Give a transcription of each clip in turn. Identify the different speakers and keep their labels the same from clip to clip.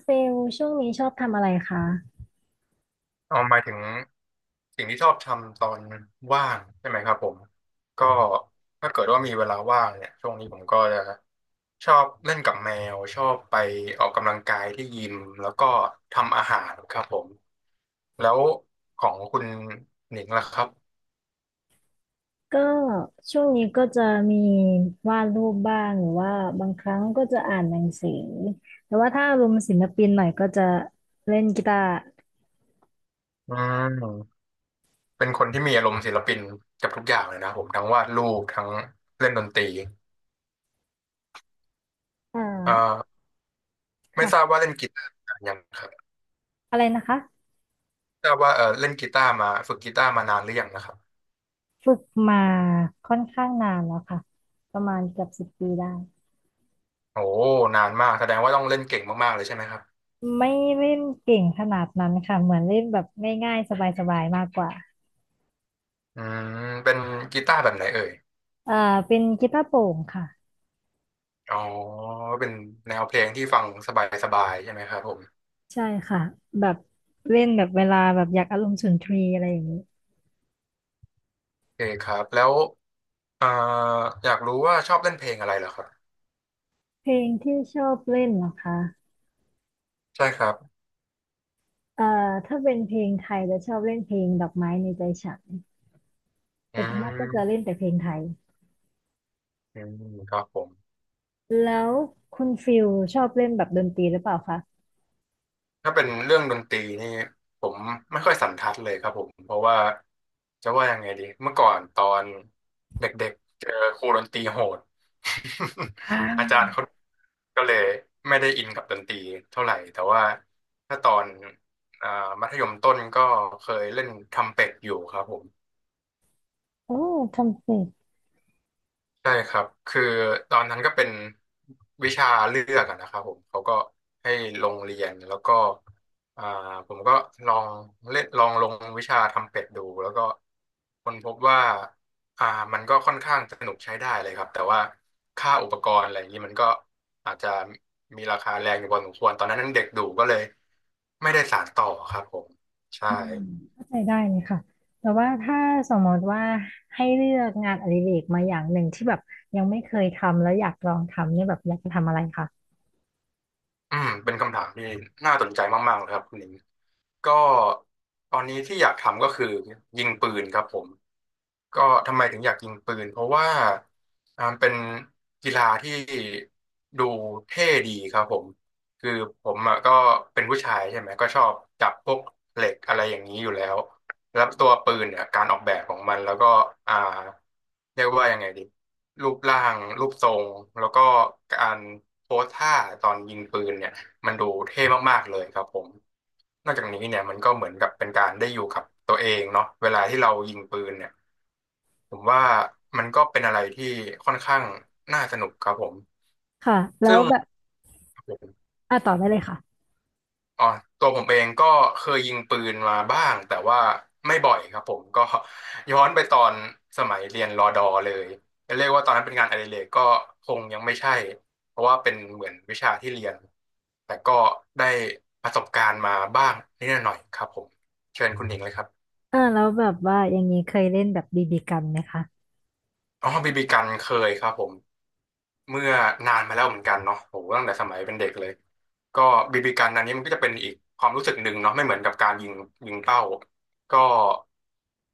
Speaker 1: เฟลช่วงนี้ชอบทำอะไรคะ
Speaker 2: เอาหมายถึงสิ่งที่ชอบทำตอนว่างใช่ไหมครับผมก็ถ้าเกิดว่ามีเวลาว่างเนี่ยช่วงนี้ผมก็จะชอบเล่นกับแมวชอบไปออกกำลังกายที่ยิมแล้วก็ทำอาหารครับผมแล้วของคุณหนิงล่ะครับ
Speaker 1: ก็ช่วงนี้ก็จะมีวาดรูปบ้างหรือว่าบางครั้งก็จะอ่านหนังสือแต่ว่าถ้าอารมณ์ศิลปินหน่อยก็จะเล่นกีตาร์
Speaker 2: อืมเป็นคนที่มีอารมณ์ศิลปินกับทุกอย่างเลยนะผมทั้งวาดรูปทั้งเล่นดนตรี
Speaker 1: อ่า
Speaker 2: เอ่อไม่ทราบ
Speaker 1: ค่ะ
Speaker 2: ว่าเล่นกีตาร์นานยังครับ
Speaker 1: อะไรนะคะ
Speaker 2: ทราบว่าเล่นกีตาร์มาฝึกกีตาร์มานานหรือยังนะครับ
Speaker 1: ฝึกมาค่อนข้างนานแล้วค่ะประมาณเกือบสิบปีได้
Speaker 2: โอ้นานมากแสดงว่าต้องเล่นเก่งมากๆเลยใช่ไหมครับ
Speaker 1: ไม่เล่นเก่งขนาดนั้นค่ะเหมือนเล่นแบบง่ายๆสบายๆมากกว่า
Speaker 2: อืมเป็นกีตาร์แบบไหนเอ่ย
Speaker 1: อ่าเป็นกีตาร์โปร่งค่ะ
Speaker 2: อ๋อเป็นแนวเพลงที่ฟังสบายๆใช่ไหมครับผม
Speaker 1: ใช่ค่ะแบบเล่นแบบเวลาแบบอยากอารมณ์สุนทรีย์อะไรอย่างนี้
Speaker 2: โอเคครับแล้วเอ่ออยากรู้ว่าชอบเล่นเพลงอะไรเหรอครับ
Speaker 1: เพลงที่ชอบเล่นเหรอคะ
Speaker 2: ใช่ครับ
Speaker 1: เอ่อถ้าเป็นเพลงไทยจะชอบเล่นเพลงดอกไม้ในใจฉัน
Speaker 2: อื
Speaker 1: แต่ส่วนมากก็จะเล่น
Speaker 2: ม
Speaker 1: แต่เพลงไทย
Speaker 2: อืมครับผม
Speaker 1: แล้วคุณฟิลชอบเล่นแบบดนตรีหรือเปล่าคะ
Speaker 2: ถ้าเป็นเรื่องดนตรีนี่ผมไม่ค่อยสันทัดเลยครับผมเพราะว่าจะว่ายังไงดีเมื่อก่อนตอนเด็กๆเจอครูดนตรีโหด
Speaker 1: อ่
Speaker 2: อาจารย์
Speaker 1: า
Speaker 2: เขาก็เลยไม่ได้อินกับดนตรีเท่าไหร่แต่ว่าถ้าตอนอ่ามัธยมต้นก็เคยเล่นทำเป็ดอยู่ครับผม
Speaker 1: โอ้ทำเสร็จ
Speaker 2: ใช่ครับคือตอนนั้นก็เป็นวิชาเลือกอะนะครับผมเขาก็ให้ลงเรียนแล้วก็อ่าผมก็ลองเล่นลองลงวิชาทำเป็ดดูแล้วก็ค้นพบว่าอ่ามันก็ค่อนข้างสนุกใช้ได้เลยครับแต่ว่าค่าอุปกรณ์อะไรอย่างนี้มันก็อาจจะมีราคาแรงอยู่พอสมควรตอนนั้นเด็กดูก็เลยไม่ได้สานต่อครับผมใช่
Speaker 1: อืมเข้าใจได้เลยค่ะแต่ว่าถ้าสมมติว่าให้เลือกงานอดิเรกมาอย่างหนึ่งที่แบบยังไม่เคยทำแล้วอยากลองทำเนี่ยแบบอยากจะทำอะไรคะ
Speaker 2: อืมเป็นคำถามที่น่าสนใจมากๆเลยครับคุณหนิงก็ตอนนี้ที่อยากทำก็คือยิงปืนครับผมก็ทำไมถึงอยากยิงปืนเพราะว่าเป็นกีฬาที่ดูเท่ดีครับผมคือผมอะก็เป็นผู้ชายใช่ไหมก็ชอบจับพวกเหล็กอะไรอย่างนี้อยู่แล้ว แล้วตัวปืนเนี่ยการออกแบบของมันแล้วก็อ่าเรียกว่ายังไงดีรูปร่างรูปทรงแล้วก็การโพสท่าตอนยิงปืนเนี่ยมันดูเท่มากๆเลยครับผมนอกจากนี้เนี่ยมันก็เหมือนกับเป็นการได้อยู่กับตัวเองเนาะเวลาที่เรายิงปืนเนี่ยผมว่ามันก็เป็นอะไรที่ค่อนข้างน่าสนุกครับผม
Speaker 1: ค่ะแล้
Speaker 2: ซึ่
Speaker 1: ว
Speaker 2: ง
Speaker 1: แบบอ่ะต่อได้เลยค่ะ
Speaker 2: อ๋อตัวผมเองก็เคยยิงปืนมาบ้างแต่ว่าไม่บ่อยครับผมก็ ย้อนไปตอนสมัยเรียนรอดอเลยจะเรียกว่าตอนนั้นเป็นงานอดิเรกก็คงยังไม่ใช่เพราะว่าเป็นเหมือนวิชาที่เรียนแต่ก็ได้ประสบการณ์มาบ้างนิดหน่อยครับผมเชิญคุณหญิงเลยครับ
Speaker 1: แล้วแบบว่าอย่างนี้เคยเล่นแบบบีบีกันไหมคะ
Speaker 2: อ๋อบีบีกันเคยครับผม เมื่อนานมาแล้วเหมือนกันเนาะโหตั้งแต่สมัยเป็นเด็กเลยก็บีบีกันอันนี้มันก็จะเป็นอีกความรู้สึกหนึ่งเนาะไม่เหมือนกับการยิงยิงเป้าก็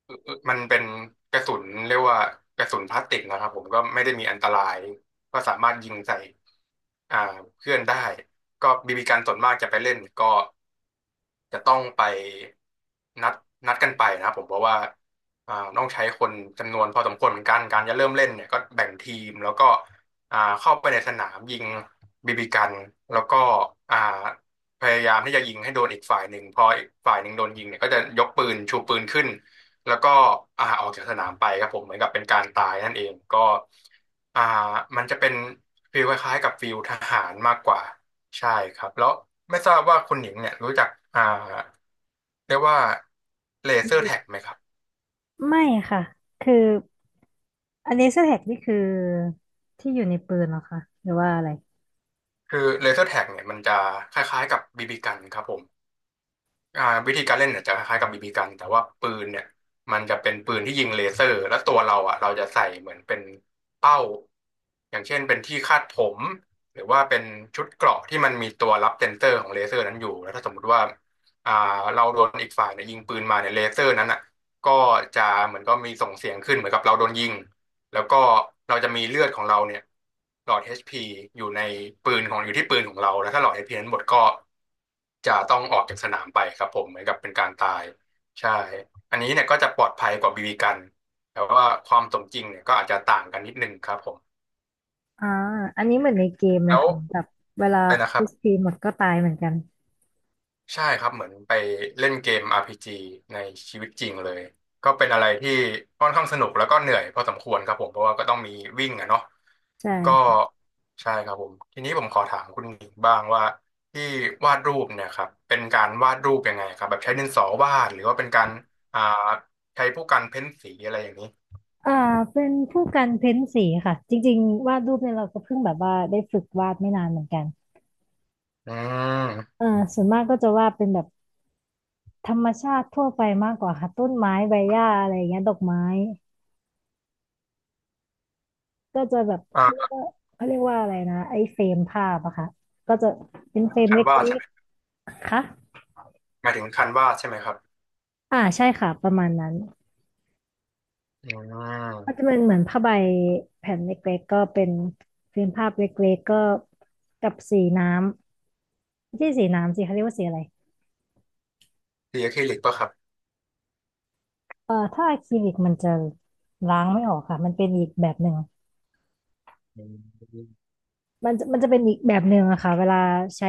Speaker 2: เอ่อมันเป็นกระสุนเรียกว่ากระสุนพลาสติกนะครับผมก็ไม่ได้มีอันตรายก็สามารถยิงใส่อ่าเพื่อนได้ก็บีบีกันส่วนมากจะไปเล่นก็จะต้องไปนัดนัดกันไปนะครับผมเพราะว่าต้องใช้คนจำนวนพอสมควรเหมือนกันการจะเริ่มเล่นเนี่ยก็แบ่งทีมแล้วก็ เข้าไปในสนามยิงบีบีกันแล้วก็อ่าพยายามที่จะยิงให้โดนอีกฝ่ายหนึ่งพออีกฝ่ายหนึ่งโดนยิงเนี่ยก็จะยกปืนชูปืนขึ้นแล้วก็ออกจากสนามไปครับผมเหมือนกับเป็นการตายนั่นเองก็อ่ามันจะเป็นฟีลคล้ายๆกับฟีลทหารมากกว่าใช่ครับแล้วไม่ทราบว่าคุณหญิงเนี่ยรู้จักอ่าเรียกว่าเล
Speaker 1: บี
Speaker 2: เซอร์
Speaker 1: บี
Speaker 2: แท็
Speaker 1: กั
Speaker 2: ก
Speaker 1: น
Speaker 2: ไหมครับ
Speaker 1: ไม่ค่ะ คืออันนี้สแท็กนี่คือที่อยู่ในปืนเหรอคะหรือว่าอะไร
Speaker 2: คือเลเซอร์แท็กเนี่ยมันจะคล้ายๆกับบีบีกันครับผม วิธีการเล่นเนี่ยจะคล้ายๆกับบีบีกันแต่ว่าปืนเนี่ยมันจะเป็นปืนที่ยิงเลเซอร์แล้วตัวเราอ่ะเราจะใส่เหมือนเป็นเป้าอย่างเช่นเป็นที่คาดผมหรือว่าเป็นชุดเกราะที่มันมีตัวรับเซ็นเซอร์ของเลเซอร์นั้นอยู่แล้วถ้าสมมติว่าอ่าเราโดนอีกฝ่ายเนี่ยยิงปืนมาเนี่ยเลเซอร์นั้นอ่ะก็จะเหมือนก็มีส่งเสียงขึ้นเหมือนกับเราโดนยิง แล้วก็เราจะมีเลือดของเราเนี่ยหลอด HP อชพีอยู่ในปืนของอยู่ที่ปืนของเราแล้วถ้าหลอดเอชพีนั้นหมดก็จะต้องออกจากสนามไปครับผมเหมือนกับเป็นการตายใช่อันนี้เนี่ยก็จะปลอดภัยกว่าบีบีกันแต่ว่าความสมจริงเนี่ยก็อาจจะต่างกันนิดนึงครับผม
Speaker 1: อ่าอันนี้เหมือนในเกมเลย
Speaker 2: แล้ว
Speaker 1: ค่ะแบบเวลา
Speaker 2: เลยนะครับ
Speaker 1: h ีหมดก็ตายเหมือนกัน
Speaker 2: ใช่ครับเหมือนไปเล่นเกมอาร์พีจีในชีวิตจริงเลยก็เป็นอะไรที่ค่อนข้างสนุกแล้วก็เหนื่อยพอสมควรครับผมเพราะว่าก็ต้องมีวิ่งอะเนาะ
Speaker 1: ใช
Speaker 2: ก็
Speaker 1: ่
Speaker 2: ใช่ครับผมทีนี้ผมขอถามคุณหญิงบ้างว่าที่วาดรูปเนี่ยครับเป็นการวาดรูปยังไงครับแบบใช้ดินสอวาดหรือว่าเป็นการอ่าใช้พวกการเพ้นสีอะไรอย่างนี้
Speaker 1: อ่าเป็นผู้กันเพ้นสีค่ะจริงๆวาดรูปเนี่ยเราก็เพิ่งแบบว่าได้ฝึกวาดไม่นานเหมือนกัน
Speaker 2: อืม
Speaker 1: เออส่วนมากก็จะวาดเป็นแบบธรรมชาติทั่วไปมากกว่าค่ะต้นไม้ใบหญ้าอะไรอย่างเงี้ยดอกไม้ก็จะแบบ
Speaker 2: อ่
Speaker 1: เขาเรีย
Speaker 2: า
Speaker 1: กว่าเขาเรียกว่าอะไรนะไอ้เฟรมภาพอะค่ะก็จะเป็นเฟรม
Speaker 2: คั
Speaker 1: เล
Speaker 2: นวาด
Speaker 1: ็
Speaker 2: ใช่
Speaker 1: ก
Speaker 2: ไหม
Speaker 1: ๆค่ะ
Speaker 2: หมายถึงคันวาดใช่ไหมครับ
Speaker 1: อ่าใช่ค่ะประมาณนั้น
Speaker 2: อื
Speaker 1: ก็จะ
Speaker 2: ม
Speaker 1: เป็นเหมือนผ้าใบแผ่นเล็กๆก็เป็นฟิล์มภาพเล็กๆก็กับสีน้ำไม่ใช่สีน้ำสิเขาเรียกว่าสีอะไร
Speaker 2: สีอะคริลิกปะครับ
Speaker 1: ถ้าอะคริลิกมันจะล้างไม่ออกค่ะมันเป็นอีกแบบหนึ่ง
Speaker 2: อืม
Speaker 1: มันจะเป็นอีกแบบหนึ่งอะค่ะเวลาใช้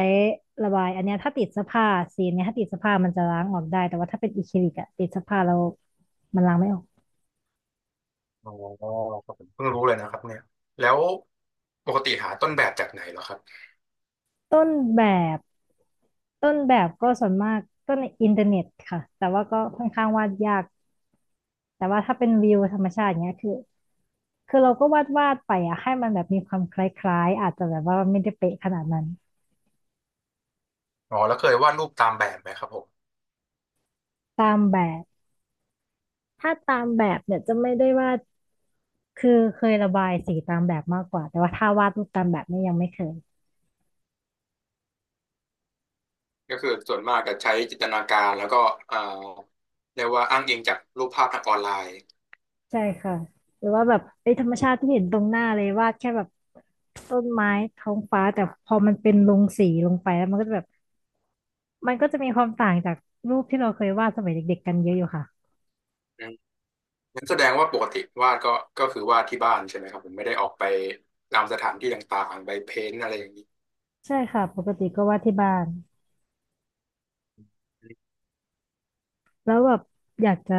Speaker 1: ระบายอันเนี้ยถ้าติดเสื้อผ้าสีเนี้ยถ้าติดเสื้อผ้ามันจะล้างออกได้แต่ว่าถ้าเป็นอะคริลิกอะติดเสื้อผ้าแล้วมันล้างไม่ออก
Speaker 2: อ๋อครับผมเพิ่งรู้เลยนะครับเนี่ยแล้วปกติหาต้นแบบจากไหนเหรอครับ
Speaker 1: ต้นแบบต้นแบบก็ส่วนมากก็ในอินเทอร์เน็ตค่ะแต่ว่าก็ค่อนข้างวาดยาก แต่ว่าถ้าเป็นวิวธรรมชาติเนี้ยคือเราก็วาดวาดไปอะให้มันแบบมีความคล้ายๆอาจจะแบบว่าไม่ได้เป๊ะขนาดนั้น
Speaker 2: อ๋อแล้วเคยวาดรูปตามแบบไหมครับผม
Speaker 1: ตามแบบถ้าตามแบบเนี่ยจะไม่ได้วาดคือเคยระบายสีตามแบบมากกว่าแต่ว่าถ้าวาดรูปตามแบบเนี่ยยังไม่เคย
Speaker 2: ก็คือส่วนมากก็ใช้จินตนาการแล้วก็เอ่อเรียกว่าอ้างอิงจากรูปภาพทางออนไลน์
Speaker 1: ใช่ค่ะหรือว่าแบบไอ้ยธรรมชาติที่เห็นตรงหน้าเลยวาดแค่แบบต้นไม้ท้องฟ้าแต่พอมันเป็นลงสีลงไปแล้วมันก็จะแบบมันก็จะมีความต่างจากรูปที่เราเคยวาดสมัยเด็กๆกันเยอะอยู่ค่ะ
Speaker 2: อืมงั้นแสดงว่าปกติวาดก็ก็คือวาดที่บ้านใช่ไหมครับผมไม่ได้ออกไปตามสถานที่ต่างๆไปเพ้นท์อะไรอย่างนี้
Speaker 1: ใช่ค่ะปกติก็วาดที่บ้าน แล้วแบบอยากจะ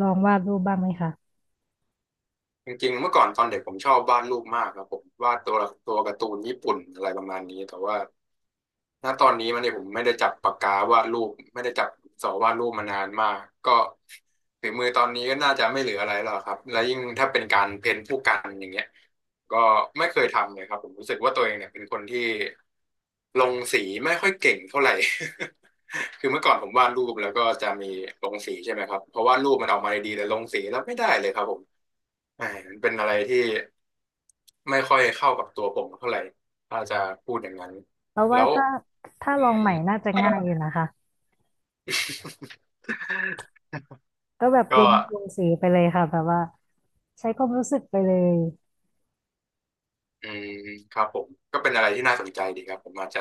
Speaker 1: ลองวาดรูปบ้างไหมคะ
Speaker 2: จริงๆเมื่อก่อนตอนเด็กผมชอบวาดรูปมากครับผมวาดตัวตัวการ์ตูนญี่ปุ่นอะไรประมาณนี้แต่ว่า ณตอนนี้มันเนี่ยผมไม่ได้จับปากกาวาดรูปไม่ได้จับสอวาดรูปมานานมากก็ฝีมือตอนนี้ก็น่าจะไม่เหลืออะไรแล้วครับและยิ่งถ้าเป็นการเพ้นท์ผู้กันอย่างเงี้ยก็ไม่เคยทำเลยครับผมรู้สึกว่าตัวเองเนี่ยเป็นคนที่ลงสีไม่ค่อยเก่งเท่าไหร่ คือเมื่อก่อนผมวาดรูปแล้วก็จะมีลงสีใช่ไหมครับเพราะวาดรูปมันออกมาดีๆแต่ลงสีแล้วไม่ได้เลยครับผมแหมมันเป็นอะไรที่ไม่ค่อยเข้ากับตัวผมเท่าไหร่ถ้าจะพูดอย่างนั้น
Speaker 1: เพราะ
Speaker 2: แล้
Speaker 1: ว่า
Speaker 2: ว
Speaker 1: ถ้า
Speaker 2: อื
Speaker 1: ลอง
Speaker 2: ม
Speaker 1: ใหม่น่าจะง่ายอยู่นะคะก็แบบ
Speaker 2: ก็
Speaker 1: ลงสีไปเลยค่ะแบบว่าใช้ความรู้สึกไปเลย
Speaker 2: อืมครับผมก็เป็นอะไรที่น่าสนใจดีครับผมอาจจะ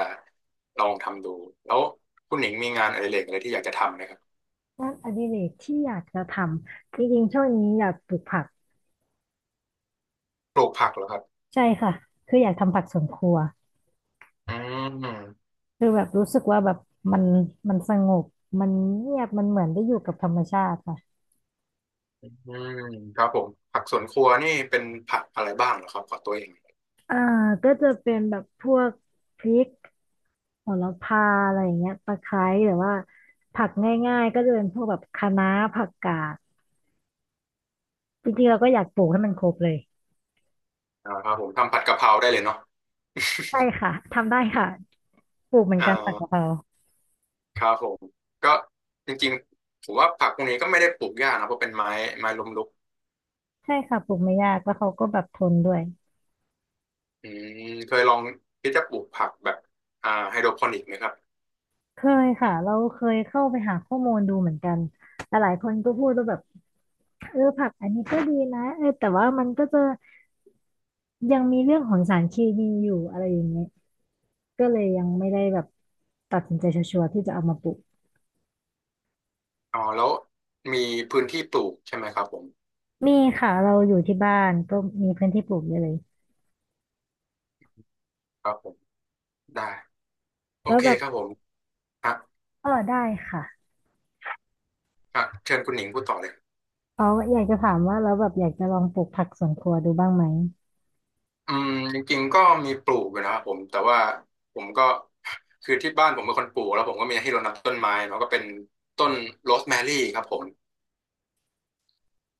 Speaker 2: ลองทำดูแล้วคุณหนิงมีงานอดิเรกอะไรที่อยากจะทำไหมครับ
Speaker 1: งานอดิเรกที่อยากจะทำจริงๆช่วงนี้อยากปลูกผัก
Speaker 2: ปลูกผักเหรอครับ
Speaker 1: ใช่ค่ะคืออยากทำผักสวนครัว
Speaker 2: อืม
Speaker 1: คือแบบรู้สึกว่าแบบมันมันสงบมันเงียบมันเหมือนได้อยู่กับธรรมชาติค่ะ
Speaker 2: อืมครับผมผักสวนครัวนี่เป็นผักอะไรบ้างเหรอครับขอตัวเอง
Speaker 1: อ่าก็จะเป็นแบบพวกพริก โหระพาอะไรอย่างเงี้ยตะไคร้หรือว่าผักง่ายๆก็จะเป็นพวกแบบคะน้าผักกาดจริงๆเราก็อยากปลูกให้มันครบเลย
Speaker 2: อ่าครับผมทำผัดกะเพราได้เลยเนาะ
Speaker 1: ใช่ค่ะทำได้ค่ะปลูกเหมือน
Speaker 2: อ่า
Speaker 1: กันผักกะเพรา
Speaker 2: ครับผมก็จริงๆผมว่าผักพวกนี้ก็ไม่ได้ปลูกยากนะเพราะเป็นไม้ไม้ล้มลุก
Speaker 1: ใช่ค่ะปลูกไม่ยากแล้วเขาก็แบบทนด้วย
Speaker 2: อืมเคยลองที่จะปลูกผักแบบไฮโดรโปนิกไหมครับ
Speaker 1: เคยค่ะเราเคยเข้าไปหาข้อมูลดูเหมือนกันหลายๆคนก็พูดว่าแบบเออผักอันนี้ก็ดีนะเออแต่ว่ามันก็จะยังมีเรื่องของสารเคมีอยู่อะไรอย่างเงี้ยก็เลยยังไม่ได้แบบตัดสินใจชัวร์ๆที่จะเอามาปลูก
Speaker 2: อ๋อแล้วมีพื้นที่ปลูกใช่ไหมครับผม
Speaker 1: มีค่ะเราอยู่ที่บ้านก็มีพื้นที่ปลูกเยอะเลย
Speaker 2: ครับผมได้โอ
Speaker 1: แล้ว
Speaker 2: เค
Speaker 1: แบบ
Speaker 2: ครับผมฮะ
Speaker 1: เออได้ค่ะ
Speaker 2: ฮะเชิญคุณหนิงพูดต่อเลย
Speaker 1: อ๋ออยากจะถามว่าเราแล้วแบบอยากจะลองปลูกผักสวนครัวดูบ้างไหม
Speaker 2: อืมจริงๆก็มีปลูกอยู่นะครับผมแต่ว่าผมก็คือที่บ้านผมเป็นคนปลูกแล้วผมก็มีให้รดน้ำต้นไม้เนาะก็เป็นต้นโรสแมรี่ครับผม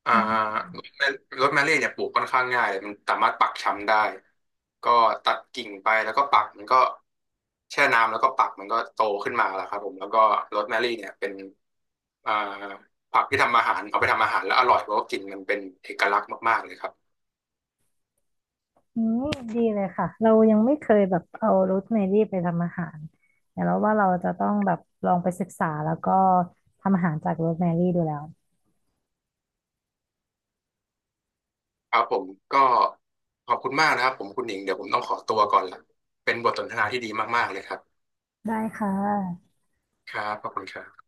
Speaker 2: อ่า
Speaker 1: อัน
Speaker 2: โรสแมรี่เนี่ยปลูกค่อนข้างง่ายเลยมันสามารถปักช้ำได้ก็ตัดกิ่งไปแล้วก็ปักมันก็แช่น้ำแล้วก็ปักมันก็โตขึ้นมาแล้วครับผมแล้วก็โรสแมรี่เนี่ยเป็นอ่าผักที่ทำอาหารเอาไปทำอาหารแล้วอร่อยเพราะว่ากินมันเป็นเอกลักษณ์มากๆเลยครับ
Speaker 1: นี้ดีเลยค่ะเรายังไม่เคยแบบเอาโรสแมรี่ไปทำอาหารแต่เราว่าเราจะต้องแบบลองไปศึกษาแล้วก็ทำอาหารจากโรสแมรี่ดูแล้ว
Speaker 2: ครับผมก็ขอบคุณมากนะครับผมคุณหญิงเดี๋ยวผมต้องขอตัวก่อนละเป็นบทสนทนาที่ดีมากๆเลยครับ
Speaker 1: ได้ค่ะ
Speaker 2: ครับขอบคุณครับ